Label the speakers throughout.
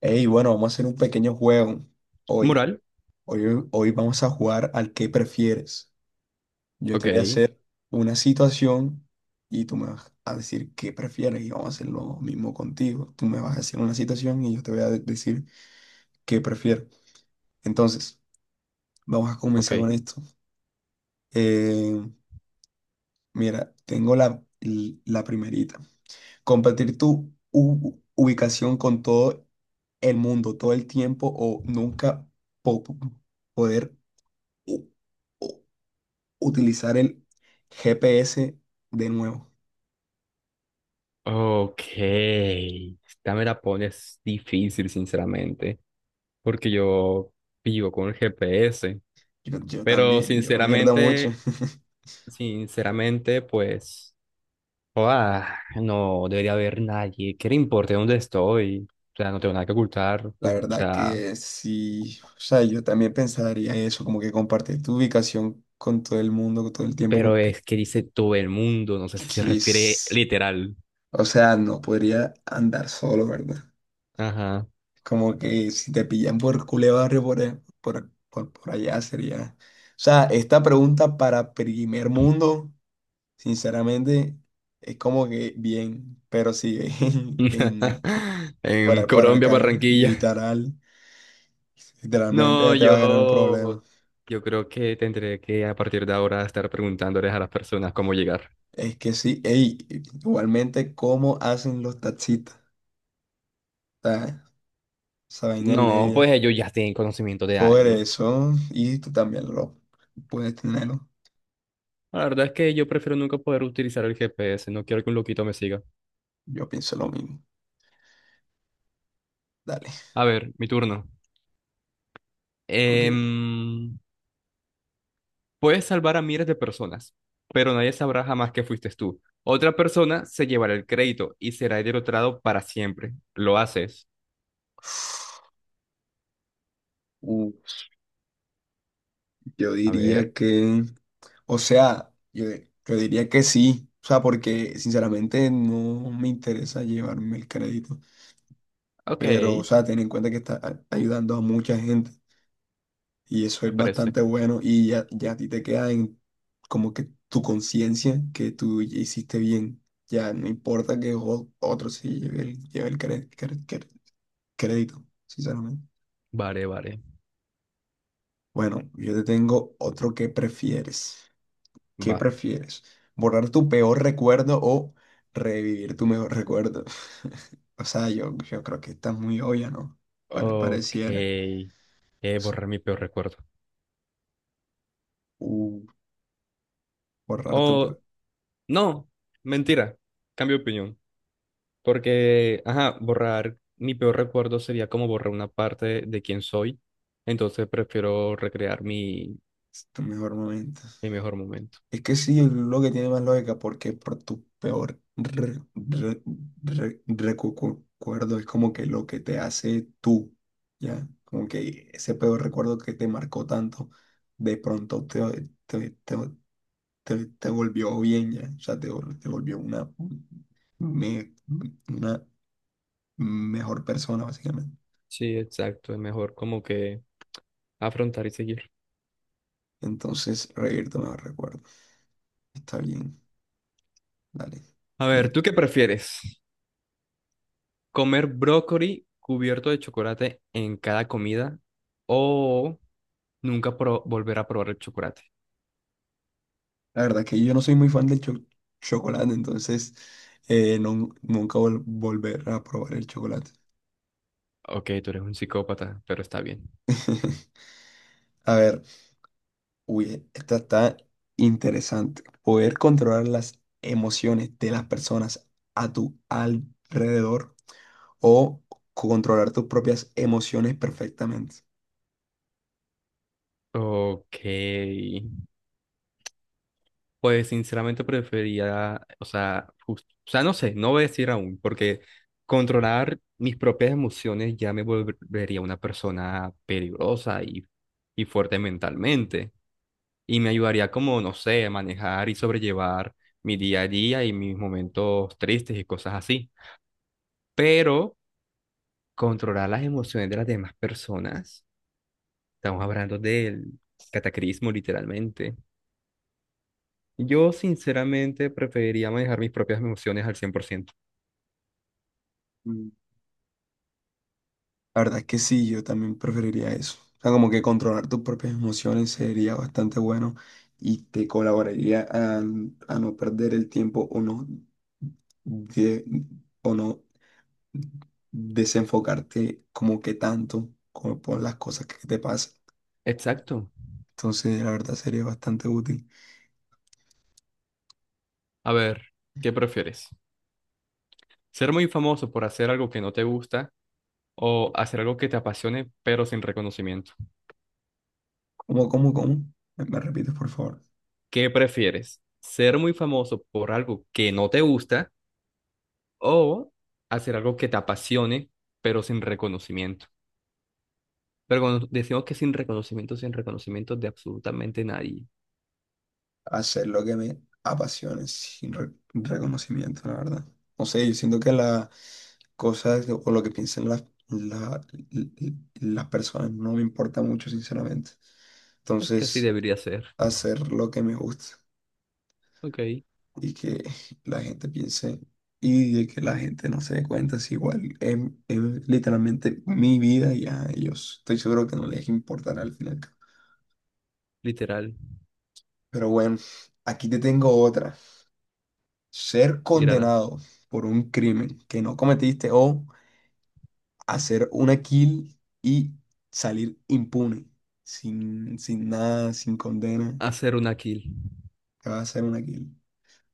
Speaker 1: Hey, bueno, vamos a hacer un pequeño juego hoy.
Speaker 2: Moral,
Speaker 1: Hoy vamos a jugar al que prefieres. Yo
Speaker 2: ok,
Speaker 1: te voy a hacer una situación y tú me vas a decir qué prefieres y vamos a hacer lo mismo contigo. Tú me vas a hacer una situación y yo te voy a decir qué prefiero. Entonces, vamos a
Speaker 2: ok,
Speaker 1: comenzar con esto. Eh, mira, tengo la primerita. Compartir tu ubicación con todo el mundo todo el tiempo o nunca po- poder u- u- utilizar el GPS de nuevo.
Speaker 2: ok. Esta me la pones difícil, sinceramente, porque yo vivo con el GPS,
Speaker 1: Yo
Speaker 2: pero
Speaker 1: también, yo me pierdo mucho.
Speaker 2: sinceramente, sinceramente, pues, no debería haber nadie que le importe dónde estoy, o sea, no tengo nada que ocultar, o
Speaker 1: La
Speaker 2: o
Speaker 1: verdad
Speaker 2: sea,
Speaker 1: que sí, o sea, yo también pensaría eso, como que compartir tu ubicación con todo el mundo, con todo el tiempo,
Speaker 2: pero
Speaker 1: como que,
Speaker 2: es que dice todo el mundo, no sé si se
Speaker 1: que
Speaker 2: refiere
Speaker 1: es-
Speaker 2: literal.
Speaker 1: o sea, no podría andar solo, ¿verdad?
Speaker 2: Ajá.
Speaker 1: Como que si te pillan por culé barrio por ahí, por allá sería... O sea, esta pregunta para primer mundo. Sinceramente, es como que bien, pero sí, en, en- por,
Speaker 2: En
Speaker 1: por
Speaker 2: Colombia,
Speaker 1: acá,
Speaker 2: Barranquilla.
Speaker 1: literal, literalmente
Speaker 2: No,
Speaker 1: ya te vas a ganar un
Speaker 2: yo,
Speaker 1: problema.
Speaker 2: yo creo que tendré que a partir de ahora estar preguntándoles a las personas cómo llegar.
Speaker 1: Es que sí, ey, igualmente, ¿cómo hacen los taxistas? O sea, esa vaina es
Speaker 2: No,
Speaker 1: ley ya.
Speaker 2: pues ellos ya tienen conocimiento de
Speaker 1: Por
Speaker 2: años.
Speaker 1: eso, y tú también lo puedes tenerlo.
Speaker 2: La verdad es que yo prefiero nunca poder utilizar el GPS, no quiero que un loquito me siga.
Speaker 1: Yo pienso lo mismo. Dale,
Speaker 2: A ver, mi turno.
Speaker 1: ok.
Speaker 2: Em, puedes salvar a miles de personas, pero nadie sabrá jamás que fuiste tú. Otra persona se llevará el crédito y será derrotado para siempre. Lo haces.
Speaker 1: Yo
Speaker 2: A
Speaker 1: diría
Speaker 2: ver.
Speaker 1: o sea, yo diría que sí, o sea, porque sinceramente no me interesa llevarme el crédito,
Speaker 2: Ok,
Speaker 1: pero, o
Speaker 2: me
Speaker 1: sea, ten en cuenta que está ayudando a mucha gente y eso es
Speaker 2: parece.
Speaker 1: bastante bueno y ya a ti te queda en como que tu conciencia que tú ya hiciste bien, ya no importa que otro se lleve el crédito, sinceramente.
Speaker 2: Vale, vale.
Speaker 1: Bueno, yo te tengo otro que prefieres. ¿Qué
Speaker 2: Va.
Speaker 1: prefieres? ¿Borrar tu peor recuerdo o revivir tu mejor recuerdo? O sea, yo creo que está muy obvia, ¿no?
Speaker 2: Ok.
Speaker 1: Pareciera. S-
Speaker 2: Borrar mi peor recuerdo.
Speaker 1: Uh, borrar
Speaker 2: O no, mentira. Cambio de opinión. Porque, ajá, borrar mi peor recuerdo sería como borrar una parte de quién soy. Entonces prefiero recrear
Speaker 1: tu mejor momento.
Speaker 2: mi mejor momento.
Speaker 1: Es que sí, es lo que tiene más lógica, porque por tu peor recuerdo es como que lo que te hace tú, ¿ya? Como que ese peor recuerdo que te marcó tanto, de pronto te volvió bien ya, o sea, te volvió me- una mejor persona, básicamente.
Speaker 2: Sí, exacto. Es mejor como que afrontar y seguir.
Speaker 1: Entonces, reírte me recuerdo. Está bien, dale,
Speaker 2: A ver,
Speaker 1: dime.
Speaker 2: ¿tú qué prefieres? ¿Comer brócoli cubierto de chocolate en cada comida o nunca volver a probar el chocolate?
Speaker 1: La verdad es que yo no soy muy fan del chocolate, entonces nunca volver a probar el chocolate.
Speaker 2: Ok, tú eres un psicópata, pero está bien.
Speaker 1: A ver, uy, esta está interesante. Poder controlar las emociones de las personas a tu alrededor o controlar tus propias emociones perfectamente.
Speaker 2: Ok. Pues sinceramente prefería, o sea, o sea, no sé, no voy a decir aún, porque controlar mis propias emociones ya me volvería una persona peligrosa y fuerte mentalmente. Y me ayudaría como, no sé, a manejar y sobrellevar mi día a día y mis momentos tristes y cosas así. Pero controlar las emociones de las demás personas, estamos hablando del cataclismo literalmente. Yo sinceramente preferiría manejar mis propias emociones al 100%.
Speaker 1: Mm. La verdad es que sí, yo también preferiría eso. O sea, como que controlar tus propias emociones sería bastante bueno y te colaboraría a no perder el tiempo o de- o no desenfocarte como que tanto como por las cosas que te pasan.
Speaker 2: Exacto.
Speaker 1: Entonces, la verdad sería bastante útil.
Speaker 2: A ver, ¿qué prefieres? Ser muy famoso por hacer algo que no te gusta o hacer algo que te apasione pero sin reconocimiento.
Speaker 1: Cómo? Me repites, por favor?
Speaker 2: ¿Qué prefieres? ¿Ser muy famoso por algo que no te gusta o hacer algo que te apasione pero sin reconocimiento? Pero cuando decimos que sin reconocimiento, sin reconocimiento de absolutamente nadie,
Speaker 1: Hacer lo que me apasione sin reconocimiento, la verdad. No sé, yo siento que las cosas o lo que piensan las, la- l- l- las personas no me importa mucho, sinceramente.
Speaker 2: es que así
Speaker 1: Entonces,
Speaker 2: debería ser.
Speaker 1: hacer lo que me gusta
Speaker 2: Ok,
Speaker 1: y que la gente piense y de que la gente no se dé cuenta, es igual, es literalmente mi vida y a ellos. Estoy seguro que no les importará al final.
Speaker 2: literal,
Speaker 1: Pero bueno, aquí te tengo otra. Ser
Speaker 2: ir a
Speaker 1: condenado por un crimen que no cometiste o hacer una kill y salir impune, sin nada, sin condena,
Speaker 2: hacer una kill.
Speaker 1: te vas a hacer una kill.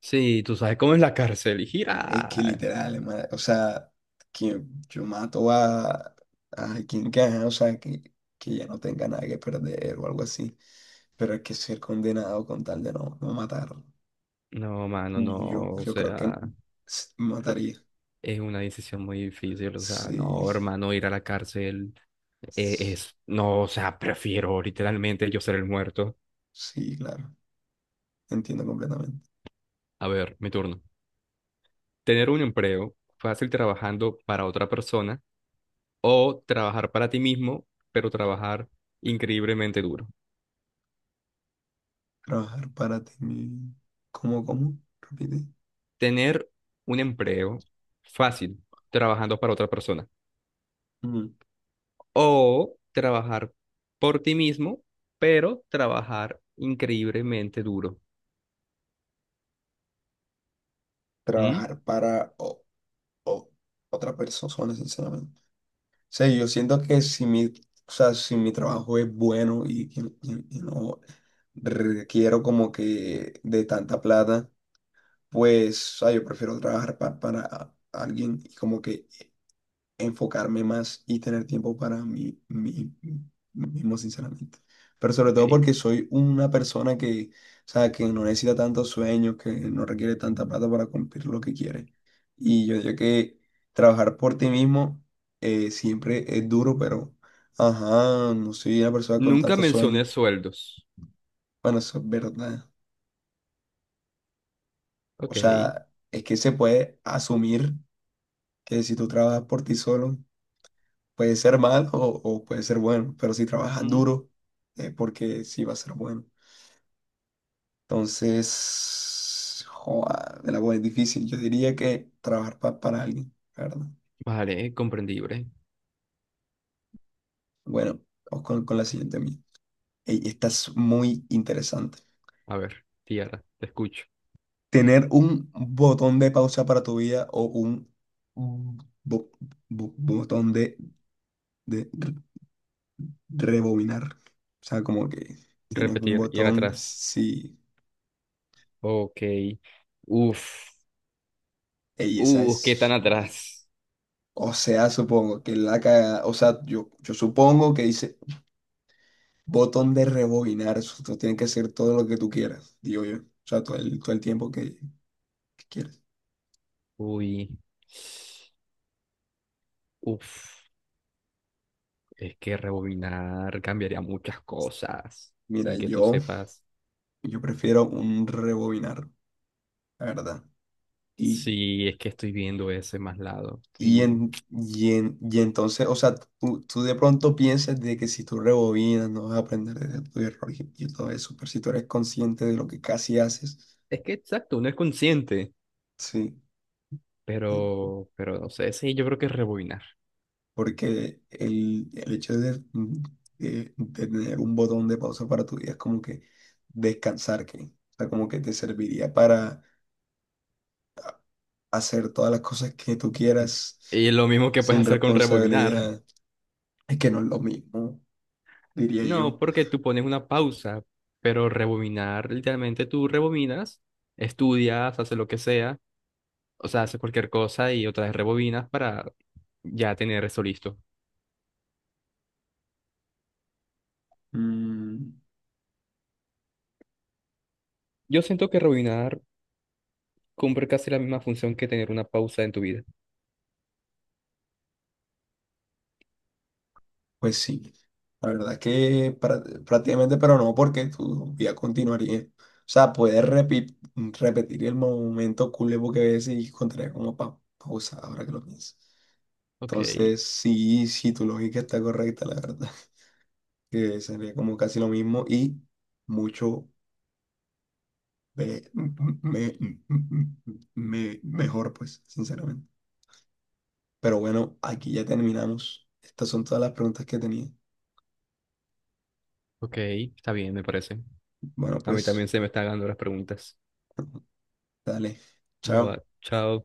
Speaker 2: Sí, tú sabes cómo es la cárcel y
Speaker 1: Es que
Speaker 2: gira.
Speaker 1: literal, hermano, o sea, que yo mato a quien gana, o sea, que ya no tenga nada que perder o algo así, pero es que ser condenado con tal de no matar,
Speaker 2: No, mano, no, o
Speaker 1: yo creo que
Speaker 2: sea,
Speaker 1: mataría,
Speaker 2: es una decisión muy difícil, o sea,
Speaker 1: sí,
Speaker 2: no, hermano, ir a la cárcel
Speaker 1: s-
Speaker 2: es, no, o sea, prefiero literalmente yo ser el muerto.
Speaker 1: sí, claro. Entiendo completamente.
Speaker 2: A ver, mi turno. Tener un empleo fácil trabajando para otra persona o trabajar para ti mismo, pero trabajar increíblemente duro.
Speaker 1: Trabajar para ti. ¿Cómo, cómo? Repite.
Speaker 2: Tener un empleo fácil trabajando para otra persona.
Speaker 1: Mm,
Speaker 2: O trabajar por ti mismo, pero trabajar increíblemente duro. ¿Mm?
Speaker 1: trabajar para o- otra persona, sinceramente. O sea, yo siento que si mi, o sea, si mi trabajo es bueno y no requiero como que de tanta plata, pues, o sea, yo prefiero trabajar para alguien y como que enfocarme más y tener tiempo para mí, mí mismo, sinceramente. Pero sobre todo
Speaker 2: Ok.
Speaker 1: porque soy una persona que, o sea, que no necesita tantos sueños, que no requiere tanta plata para cumplir lo que quiere. Y yo digo que trabajar por ti mismo siempre es duro, pero, ajá, no soy una persona con
Speaker 2: Nunca
Speaker 1: tantos
Speaker 2: mencioné
Speaker 1: sueños.
Speaker 2: sueldos.
Speaker 1: Bueno, eso es verdad. O
Speaker 2: Ok.
Speaker 1: sea, es que se puede asumir que si tú trabajas por ti solo, puede ser malo o puede ser bueno, pero si trabajas
Speaker 2: Mm.
Speaker 1: duro, porque sí va a ser bueno. Entonces, joa, el agua es difícil. Yo diría que trabajar para alguien, la ¿verdad?
Speaker 2: Vale, comprendible.
Speaker 1: Bueno, vamos con la siguiente mía. Ey, esta es muy interesante.
Speaker 2: A ver, Tiara, te escucho.
Speaker 1: Tener un botón de pausa para tu vida o un bo- botón de rebobinar. O sea, como que tienes un
Speaker 2: Repetir, ir
Speaker 1: botón,
Speaker 2: atrás.
Speaker 1: sí.
Speaker 2: Ok. Uf.
Speaker 1: Ey, esa
Speaker 2: ¿Qué tan
Speaker 1: es.
Speaker 2: atrás?
Speaker 1: O sea, supongo que la caga, o sea, yo supongo que dice botón de rebobinar, eso tú tienes que hacer todo lo que tú quieras, digo yo, o sea, todo el tiempo que quieras.
Speaker 2: Uy. Uf. Es que rebobinar cambiaría muchas cosas
Speaker 1: Mira,
Speaker 2: sin que tú sepas.
Speaker 1: yo prefiero un rebobinar, la verdad. Y,
Speaker 2: Sí, es que estoy viendo ese más lado. Sí.
Speaker 1: y entonces, o sea, tú de pronto piensas de que si tú rebobinas no vas a aprender de tu error y todo eso, pero si tú eres consciente de lo que casi haces,
Speaker 2: Es que exacto, uno es consciente,
Speaker 1: sí.
Speaker 2: pero no sé, sí, yo creo que es rebobinar.
Speaker 1: Porque el hecho de tener un botón de pausa para tu vida es como que descansar, que, o sea, como que te serviría para hacer todas las cosas que tú quieras
Speaker 2: Y lo mismo que puedes
Speaker 1: sin
Speaker 2: hacer con rebobinar.
Speaker 1: responsabilidad. Es que no es lo mismo, diría yo.
Speaker 2: No, porque tú pones una pausa, pero rebobinar, literalmente tú rebobinas, estudias, haces lo que sea, o sea, haces cualquier cosa y otra vez rebobinas para ya tener eso listo.
Speaker 1: Mm,
Speaker 2: Yo siento que rebobinar cumple casi la misma función que tener una pausa en tu vida.
Speaker 1: pues sí, la verdad que prácticamente, pero no, porque tu vida continuaría. O sea, puedes repetir el momento culebo que ves y encontrar como pa pausa ahora que lo pienso.
Speaker 2: Ok,
Speaker 1: Entonces, sí, sí, tu lógica está correcta, la verdad. Que sería como casi lo mismo y mucho me- me- mejor, pues, sinceramente. Pero bueno, aquí ya terminamos. Estas son todas las preguntas que tenía.
Speaker 2: ok, está bien, me parece.
Speaker 1: Bueno,
Speaker 2: A mí también
Speaker 1: pues,
Speaker 2: se me están dando las preguntas.
Speaker 1: dale.
Speaker 2: Bye bye.
Speaker 1: Chao.
Speaker 2: Chao.